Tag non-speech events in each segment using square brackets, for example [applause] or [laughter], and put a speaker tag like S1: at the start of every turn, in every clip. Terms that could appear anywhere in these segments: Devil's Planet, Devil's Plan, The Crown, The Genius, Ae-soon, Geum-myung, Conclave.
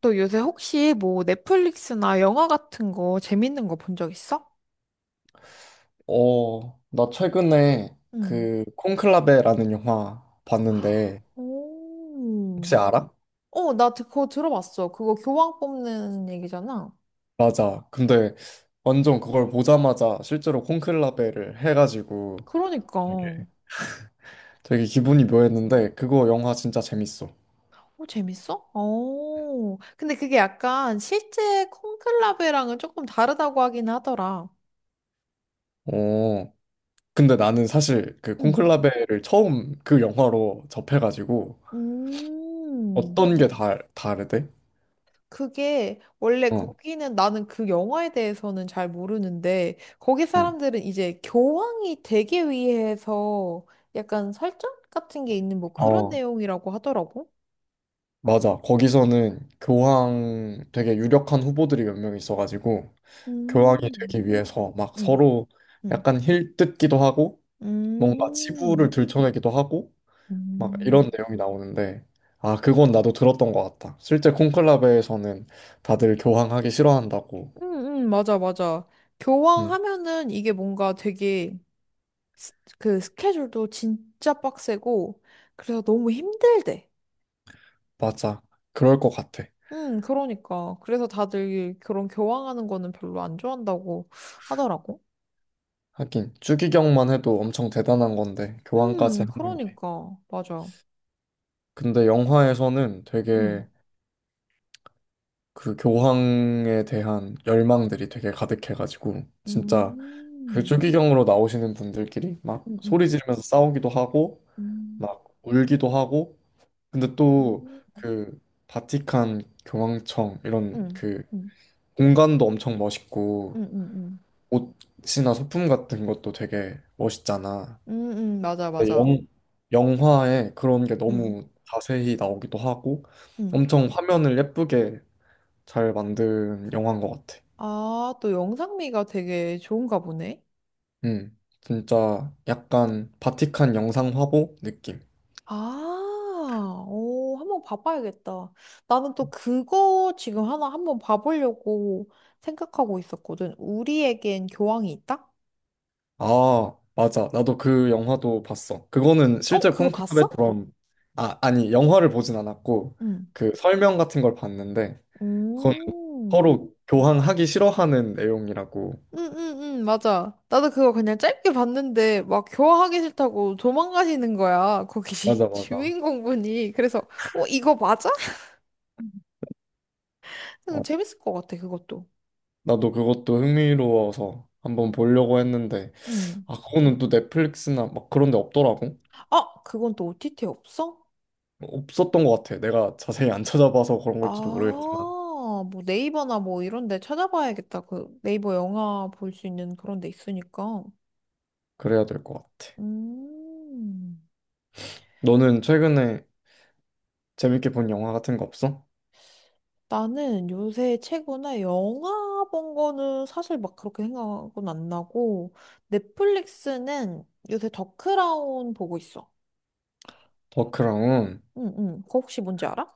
S1: 너 요새 혹시 뭐 넷플릭스나 영화 같은 거 재밌는 거 본 적 있어?
S2: 어, 나 최근에
S1: 응.
S2: 그 콘클라베라는 영화 봤는데
S1: 오.
S2: 혹시 알아?
S1: 어, 나 그거 들어봤어. 그거 교황 뽑는 얘기잖아.
S2: 맞아. 근데 완전 그걸 보자마자 실제로 콘클라베를 해가지고
S1: 그러니까.
S2: 되게
S1: 어,
S2: 되게 기분이 묘했는데 그거 영화 진짜 재밌어.
S1: 재밌어? 어. 근데 그게 약간 실제 콩클라베랑은 조금 다르다고 하긴 하더라.
S2: 어, 근데 나는 사실 그
S1: 응.
S2: 콘클라베를 처음 그 영화로 접해가지고
S1: 음.
S2: 어떤 게 다, 다르대?
S1: 그게 원래
S2: 어,
S1: 거기는 나는 그 영화에 대해서는 잘 모르는데, 거기
S2: 응.
S1: 사람들은 이제 교황이 되기 위해서 약간 설정 같은 게 있는 뭐 그런
S2: 어,
S1: 내용이라고 하더라고.
S2: 맞아. 거기서는 교황 되게 유력한 후보들이 몇 명 있어가지고 교황이
S1: 음,
S2: 되기 위해서 막
S1: 음,
S2: 서로
S1: 음,
S2: 약간 힐 뜯기도 하고 뭔가 치부를
S1: 음,
S2: 들춰내기도 하고 막
S1: 음,
S2: 이런 내용이 나오는데 아, 그건 나도 들었던 것 같다. 실제 콘클라베에서는 다들 교황하기 싫어한다고.
S1: 맞아, 맞아. 교황
S2: 음
S1: 하면은 이게 뭔가 되게 그 스케줄도 진짜 빡세고 그래서 너무 힘들대.
S2: 맞아. 그럴 것 같아.
S1: 그러니까. 그래서 다들 그런 교황하는 거는 별로 안 좋아한다고 하더라고.
S2: 하긴 추기경만 해도 엄청 대단한 건데 교황까지 하는 게.
S1: 그러니까. 맞아.
S2: 근데 영화에서는
S1: 음.
S2: 되게 그 교황에 대한 열망들이 되게 가득해가지고 진짜 그
S1: 음.
S2: 추기경으로 나오시는 분들끼리 막
S1: 음,
S2: 소리
S1: 음.
S2: 지르면서 싸우기도 하고
S1: 음.
S2: 막 울기도 하고 근데 또
S1: 음.
S2: 그 바티칸 교황청 이런
S1: 음.
S2: 그
S1: 음.
S2: 공간도 엄청 멋있고
S1: 음. 음. 음.
S2: 옷이나 소품 같은 것도 되게 멋있잖아.
S1: 음. 음. 맞아,
S2: 근데
S1: 맞아.
S2: 영 영화에 그런 게
S1: 음.
S2: 너무 자세히 나오기도 하고
S1: 음.
S2: 엄청 화면을 예쁘게 잘 만든 영화인 것 같아.
S1: 아, 또 영상미가 되게 좋은가 보네.
S2: 진짜 약간 바티칸 영상 화보 느낌.
S1: 아, 오, 한번 봐봐야겠다. 나는 또 그거 지금 하나 한번 봐보려고 생각하고 있었거든. 우리에겐 교황이 있다?
S2: 아, 맞아. 나도 그 영화도 봤어. 그거는
S1: 어,
S2: 실제
S1: 그거
S2: 콘클라베
S1: 봤어?
S2: 드럼, 아, 아니, 영화를 보진 않았고,
S1: 응.
S2: 그 설명 같은 걸 봤는데, 그건
S1: 음.
S2: 서로 교황하기 싫어하는 내용이라고.
S1: 응, 응, 응, 맞아. 나도 그거 그냥 짧게 봤는데, 막 교화하기 싫다고 도망가시는 거야. 거기
S2: 맞아,
S1: [laughs]
S2: 맞아.
S1: 주인공분이. 그래서, 어, 이거 맞아? 응,
S2: 어,
S1: 재밌을 것 같아, 그것도.
S2: 나도 그것도 흥미로워서 한번 보려고 했는데,
S1: 응.
S2: 아, 그거는 또 넷플릭스나 막 그런 데 없더라고.
S1: 아, 그건 또 OTT 없어?
S2: 없었던 것 같아. 내가 자세히 안 찾아봐서 그런 걸지도
S1: 아,
S2: 모르겠지만,
S1: 뭐 네이버나 뭐 이런 데 찾아봐야겠다. 그 네이버 영화 볼 수 있는 그런 데 있으니까.
S2: 그래야 될 것 같아.
S1: 음,
S2: 너는 최근에 재밌게 본 영화 같은 거 없어?
S1: 나는 요새 최근에 영화 본 거는 사실 막 그렇게 생각은 안 나고, 넷플릭스는 요새 더 크라운 보고 있어.
S2: 더 크라운.
S1: 응, 응. 그거 혹시 뭔지 알아?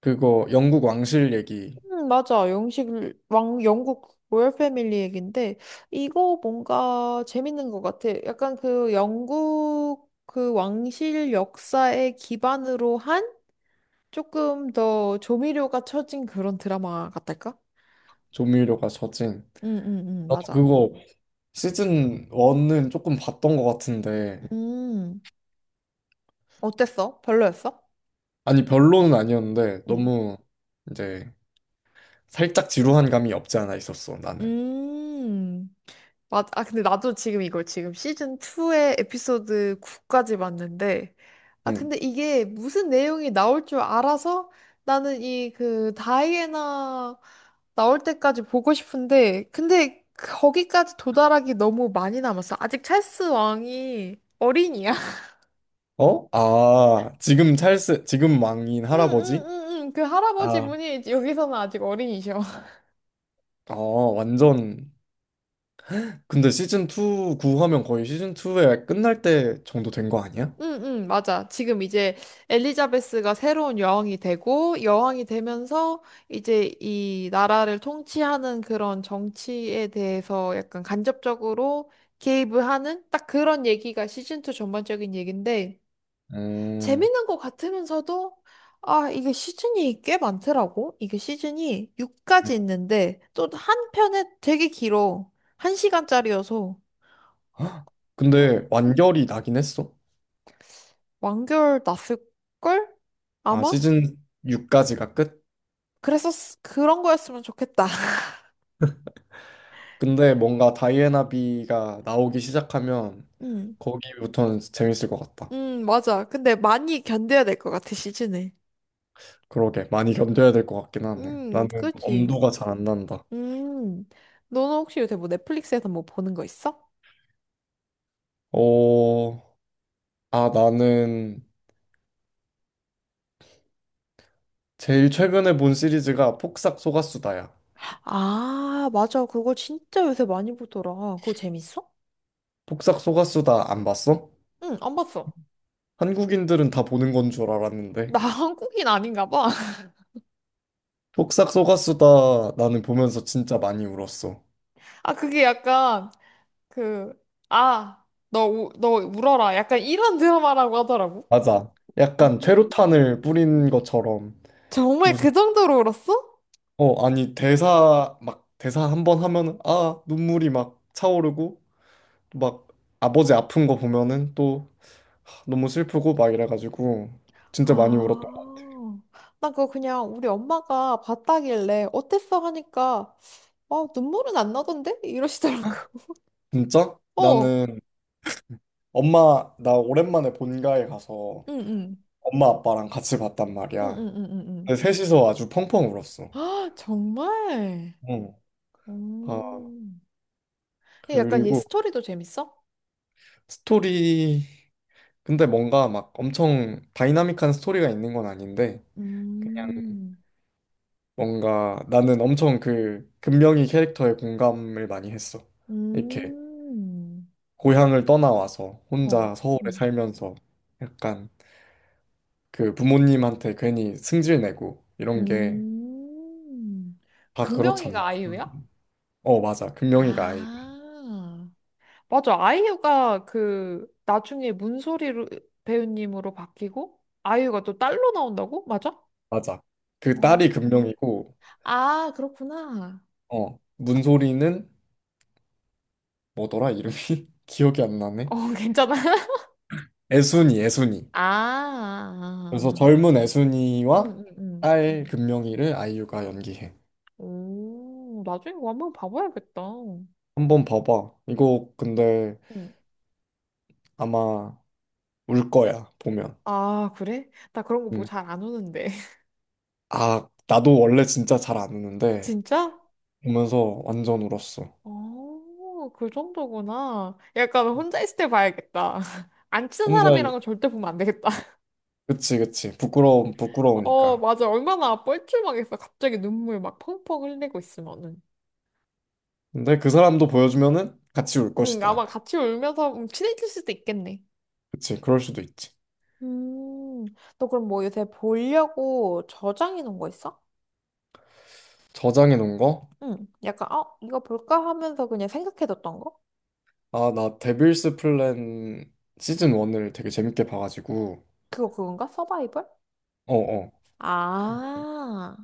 S2: 그거 영국 왕실 얘기.
S1: 맞아. 영국 로열 패밀리 얘긴데, 이거 뭔가 재밌는 것 같아. 약간 그 영국 그 왕실 역사에 기반으로 한 조금 더 조미료가 쳐진 그런 드라마 같달까?
S2: 조미료가 젖은.
S1: 응, 응, 응,
S2: 나도
S1: 맞아.
S2: 그거 시즌 1은 조금 봤던 것 같은데
S1: 음, 어땠어? 별로였어?
S2: 아니 별로는 아니었는데
S1: 응.
S2: 너무 이제 살짝 지루한 감이 없지 않아 있었어 나는.
S1: 음. 아, 근데 나도 지금 이걸 지금 시즌 2의 에피소드 9까지 봤는데, 아,
S2: 응.
S1: 근데 이게 무슨 내용이 나올 줄 알아서 나는 이 그 다이애나 나올 때까지 보고 싶은데, 근데 거기까지 도달하기 너무 많이 남았어. 아직 찰스 왕이 어린이야. [laughs]
S2: 어? 아, 지금 찰스 지금 왕인
S1: 응, 응,
S2: 할아버지?
S1: 응, 응. 그 할아버지
S2: 아,
S1: 분이 여기서는 아직 어린이셔.
S2: 아 완전. 근데 시즌 2 구하면 거의 시즌 2에 끝날 때 정도 된 거 아니야?
S1: 응, 응, 맞아. 지금 이제 엘리자베스가 새로운 여왕이 되고, 여왕이 되면서 이제 이 나라를 통치하는 그런 정치에 대해서 약간 간접적으로 개입을 하는 딱 그런 얘기가 시즌2 전반적인 얘기인데,
S2: 음.
S1: 재밌는 것 같으면서도, 아, 이게 시즌이 꽤 많더라고. 이게 시즌이 6까지 있는데, 또 한 편에 되게 길어. 한시간짜리여서
S2: 헉, 근데 완결이 나긴 했어.
S1: 완결 났을걸?
S2: 아,
S1: 아마?
S2: 시즌 6까지가 끝?
S1: 그런 거였으면 좋겠다. [laughs]
S2: 근데 뭔가 다이애나비가 나오기 시작하면
S1: 응.
S2: 거기부터는 재밌을 것 같다.
S1: 응, 맞아. 근데 많이 견뎌야 될 것 같아, 시즌에.
S2: 그러게, 많이 견뎌야 될 것 같긴 하네. 나는
S1: 그지.
S2: 엄두가 잘 안 난다.
S1: 음, 너는 혹시 요새 뭐 넷플릭스에서 뭐 보는 거 있어?
S2: 어, 아, 나는 제일 최근에 본 시리즈가 폭삭 소가수다야.
S1: 아, 맞아. 그거 진짜 요새 많이 보더라. 그거 재밌어?
S2: 폭삭 소가수다 안 봤어?
S1: 응, 안 봤어.
S2: 한국인들은 다 보는 건 줄
S1: 나
S2: 알았는데.
S1: [laughs] 한국인 아닌가 봐. [laughs]
S2: 폭삭 소가수다 나는 보면서 진짜 많이 울었어.
S1: 아, 그게 약간, 그, 아, 너 울어라. 약간 이런 드라마라고 하더라고.
S2: 맞아. 약간
S1: 음.
S2: 최루탄을 뿌린 것처럼.
S1: 정말
S2: 무슨
S1: 그 정도로 울었어?
S2: 어 아니 대사 막 대사 한 번 하면은 아 눈물이 막 차오르고 막 아버지 아픈 거 보면은 또 하, 너무 슬프고 막 이래가지고 진짜 많이 울었던 것
S1: 아, 나 그거 그냥 우리 엄마가 봤다길래 어땠어 하니까 어, 눈물은 안 나던데? 이러시더라고.
S2: 같아. 진짜?
S1: [laughs] 어,
S2: 나는 엄마 나 오랜만에 본가에 가서
S1: 응, 응,
S2: 엄마 아빠랑 같이 봤단
S1: 응,
S2: 말이야.
S1: 응, 응, 응. 응.
S2: 근데 셋이서 아주 펑펑 울었어.
S1: [gasps] 아, 정말?
S2: 응. 아,
S1: 오. 근데 약간 얘
S2: 그리고
S1: 스토리도 재밌어?
S2: 스토리. 근데 뭔가 막 엄청 다이나믹한 스토리가 있는 건 아닌데
S1: 음,
S2: 뭔가 나는 엄청 그 금명이 캐릭터에 공감을 많이 했어. 이렇게
S1: 음,
S2: 고향을 떠나와서
S1: 어,
S2: 혼자 서울에
S1: 음,
S2: 살면서 약간 그 부모님한테 괜히 승질내고 이런 게
S1: 음.
S2: 다 그렇잖아.
S1: 금명이가 아이유야?
S2: 음. 어, 맞아. 금명이가 아이.
S1: 아. 맞아. 아이유가 그 나중에 문소리로 배우님으로 바뀌고 아이유가 또 딸로 나온다고? 맞아?
S2: 맞아. 그
S1: 어.
S2: 딸이 금명이고
S1: 아, 그렇구나.
S2: 어, 문소리는 뭐더라 이름이? [laughs] 기억이 안 나네.
S1: 어, [laughs] 괜찮아.
S2: 애순이, 애순이. 그래서
S1: 아.
S2: 젊은
S1: 응,
S2: 애순이와
S1: 응, 응.
S2: 딸 금명이를 아이유가 연기해.
S1: 오, 나중에 이거 한번 봐봐야겠다.
S2: 한번 봐봐. 이거 근데
S1: 응.
S2: 아마 울 거야, 보면.
S1: 아, 그래? 나 그런 거 보고
S2: 응.
S1: 잘 안 우는데. [laughs]
S2: 아, 나도 원래 진짜 잘 안 우는데
S1: 진짜?
S2: 보면서 완전 울었어.
S1: 어, 그 정도구나. 약간 혼자 있을 때 봐야겠다. [laughs] 안 친한
S2: 혼자,
S1: 사람이랑은 절대 보면 안 되겠다.
S2: 그치, 그치.
S1: 어,
S2: 부끄러우니까.
S1: 맞아. 얼마나 뻘쭘하겠어. 갑자기 눈물 막 펑펑 흘리고 있으면은.
S2: 근데 그 사람도 보여주면은 같이 울
S1: 응, 아마
S2: 것이다.
S1: 같이 울면서 친해질 수도 있겠네.
S2: 그치, 그럴 수도 있지.
S1: 음, 너 그럼 뭐 요새 보려고 저장해 놓은 거 있어?
S2: 저장해 놓은 거?
S1: 응, 약간, 어, 이거 볼까 하면서 그냥 생각해 뒀던 거?
S2: 아, 나 데빌스 플랜 시즌 1을 되게 재밌게 봐가지고.
S1: 그거 그건가? 서바이벌?
S2: 어어.
S1: 아,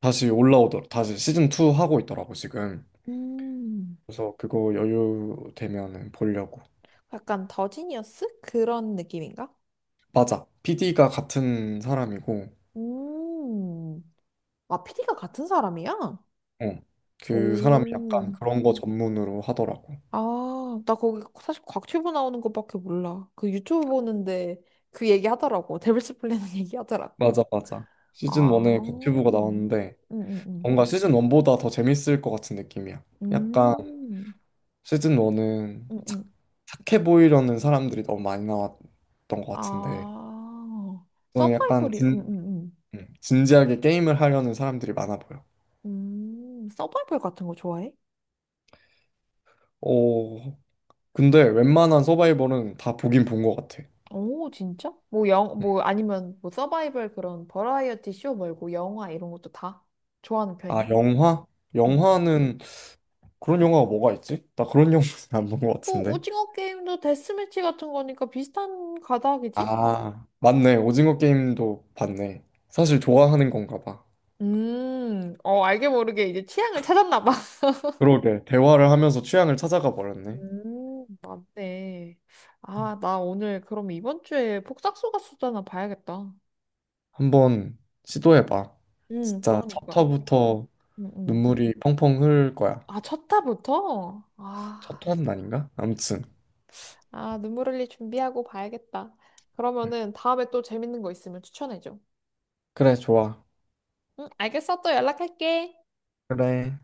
S2: 다시 올라오더라. 다시 시즌 2 하고 있더라고, 지금.
S1: 음,
S2: 그래서 그거 여유 되면은 보려고.
S1: 약간 더지니어스? 그런 느낌인가?
S2: 맞아. PD가 같은 사람이고,
S1: 음, 아, PD가 같은 사람이야?
S2: 어. 그 사람이 약간
S1: 오.
S2: 그런 거 전문으로 하더라고.
S1: 아, 나 거기 사실 곽튜브 나오는 것밖에 몰라. 그 유튜브 보는데 그 얘기 하더라고. 데빌스 플래닛 [laughs] 얘기 하더라고.
S2: 맞아, 맞아. 시즌
S1: 아,
S2: 1에 곽튜브가
S1: 음,
S2: 나왔는데,
S1: 음, 음.
S2: 뭔가 시즌 1보다 더 재밌을 것 같은 느낌이야. 약간
S1: 음,
S2: 시즌 1은
S1: 음, 음.
S2: 착해 보이려는 사람들이 너무 많이 나왔던 것 같은데,
S1: 아,
S2: 이거는 약간
S1: 서바이벌이,
S2: 진지하게 게임을 하려는 사람들이 많아 보여.
S1: 서바이벌 같은 거 좋아해?
S2: 오, 근데 웬만한 서바이벌은 다 보긴 본 것 같아.
S1: 오, 진짜? 뭐 뭐 아니면 뭐 서바이벌 그런 버라이어티 쇼 말고 영화 이런 것도 다 좋아하는
S2: 아,
S1: 편이야?
S2: 영화?
S1: 응.
S2: 영화는 그런 영화가 뭐가 있지? 나 그런 [laughs] 영화는 안 본 것
S1: 또
S2: 같은데.
S1: 오징어 게임도 데스매치 같은 거니까 비슷한 가닥이지?
S2: 아, 맞네. 오징어 게임도 봤네. 사실 좋아하는 건가 봐.
S1: 어, 알게 모르게 이제 취향을 찾았나 봐. [laughs]
S2: 그러게. 대화를 하면서 취향을 찾아가 버렸네.
S1: 맞네. 아, 나 오늘 그럼 이번 주에 폭삭소가 수다나 봐야겠다.
S2: 한번 시도해봐. 진짜 첫
S1: 그러니까.
S2: 화부터
S1: 음, 음.
S2: 눈물이 펑펑 흐를 거야.
S1: 아, 첫 타부터? 아,
S2: 첫 화는 아닌가? 아무튼.
S1: 아, 눈물 흘릴 준비하고 봐야겠다.
S2: 응.
S1: 그러면은 다음에 또 재밌는 거 있으면 추천해줘.
S2: 그래, 좋아.
S1: 응, 알겠어. 또 연락할게.
S2: 그래.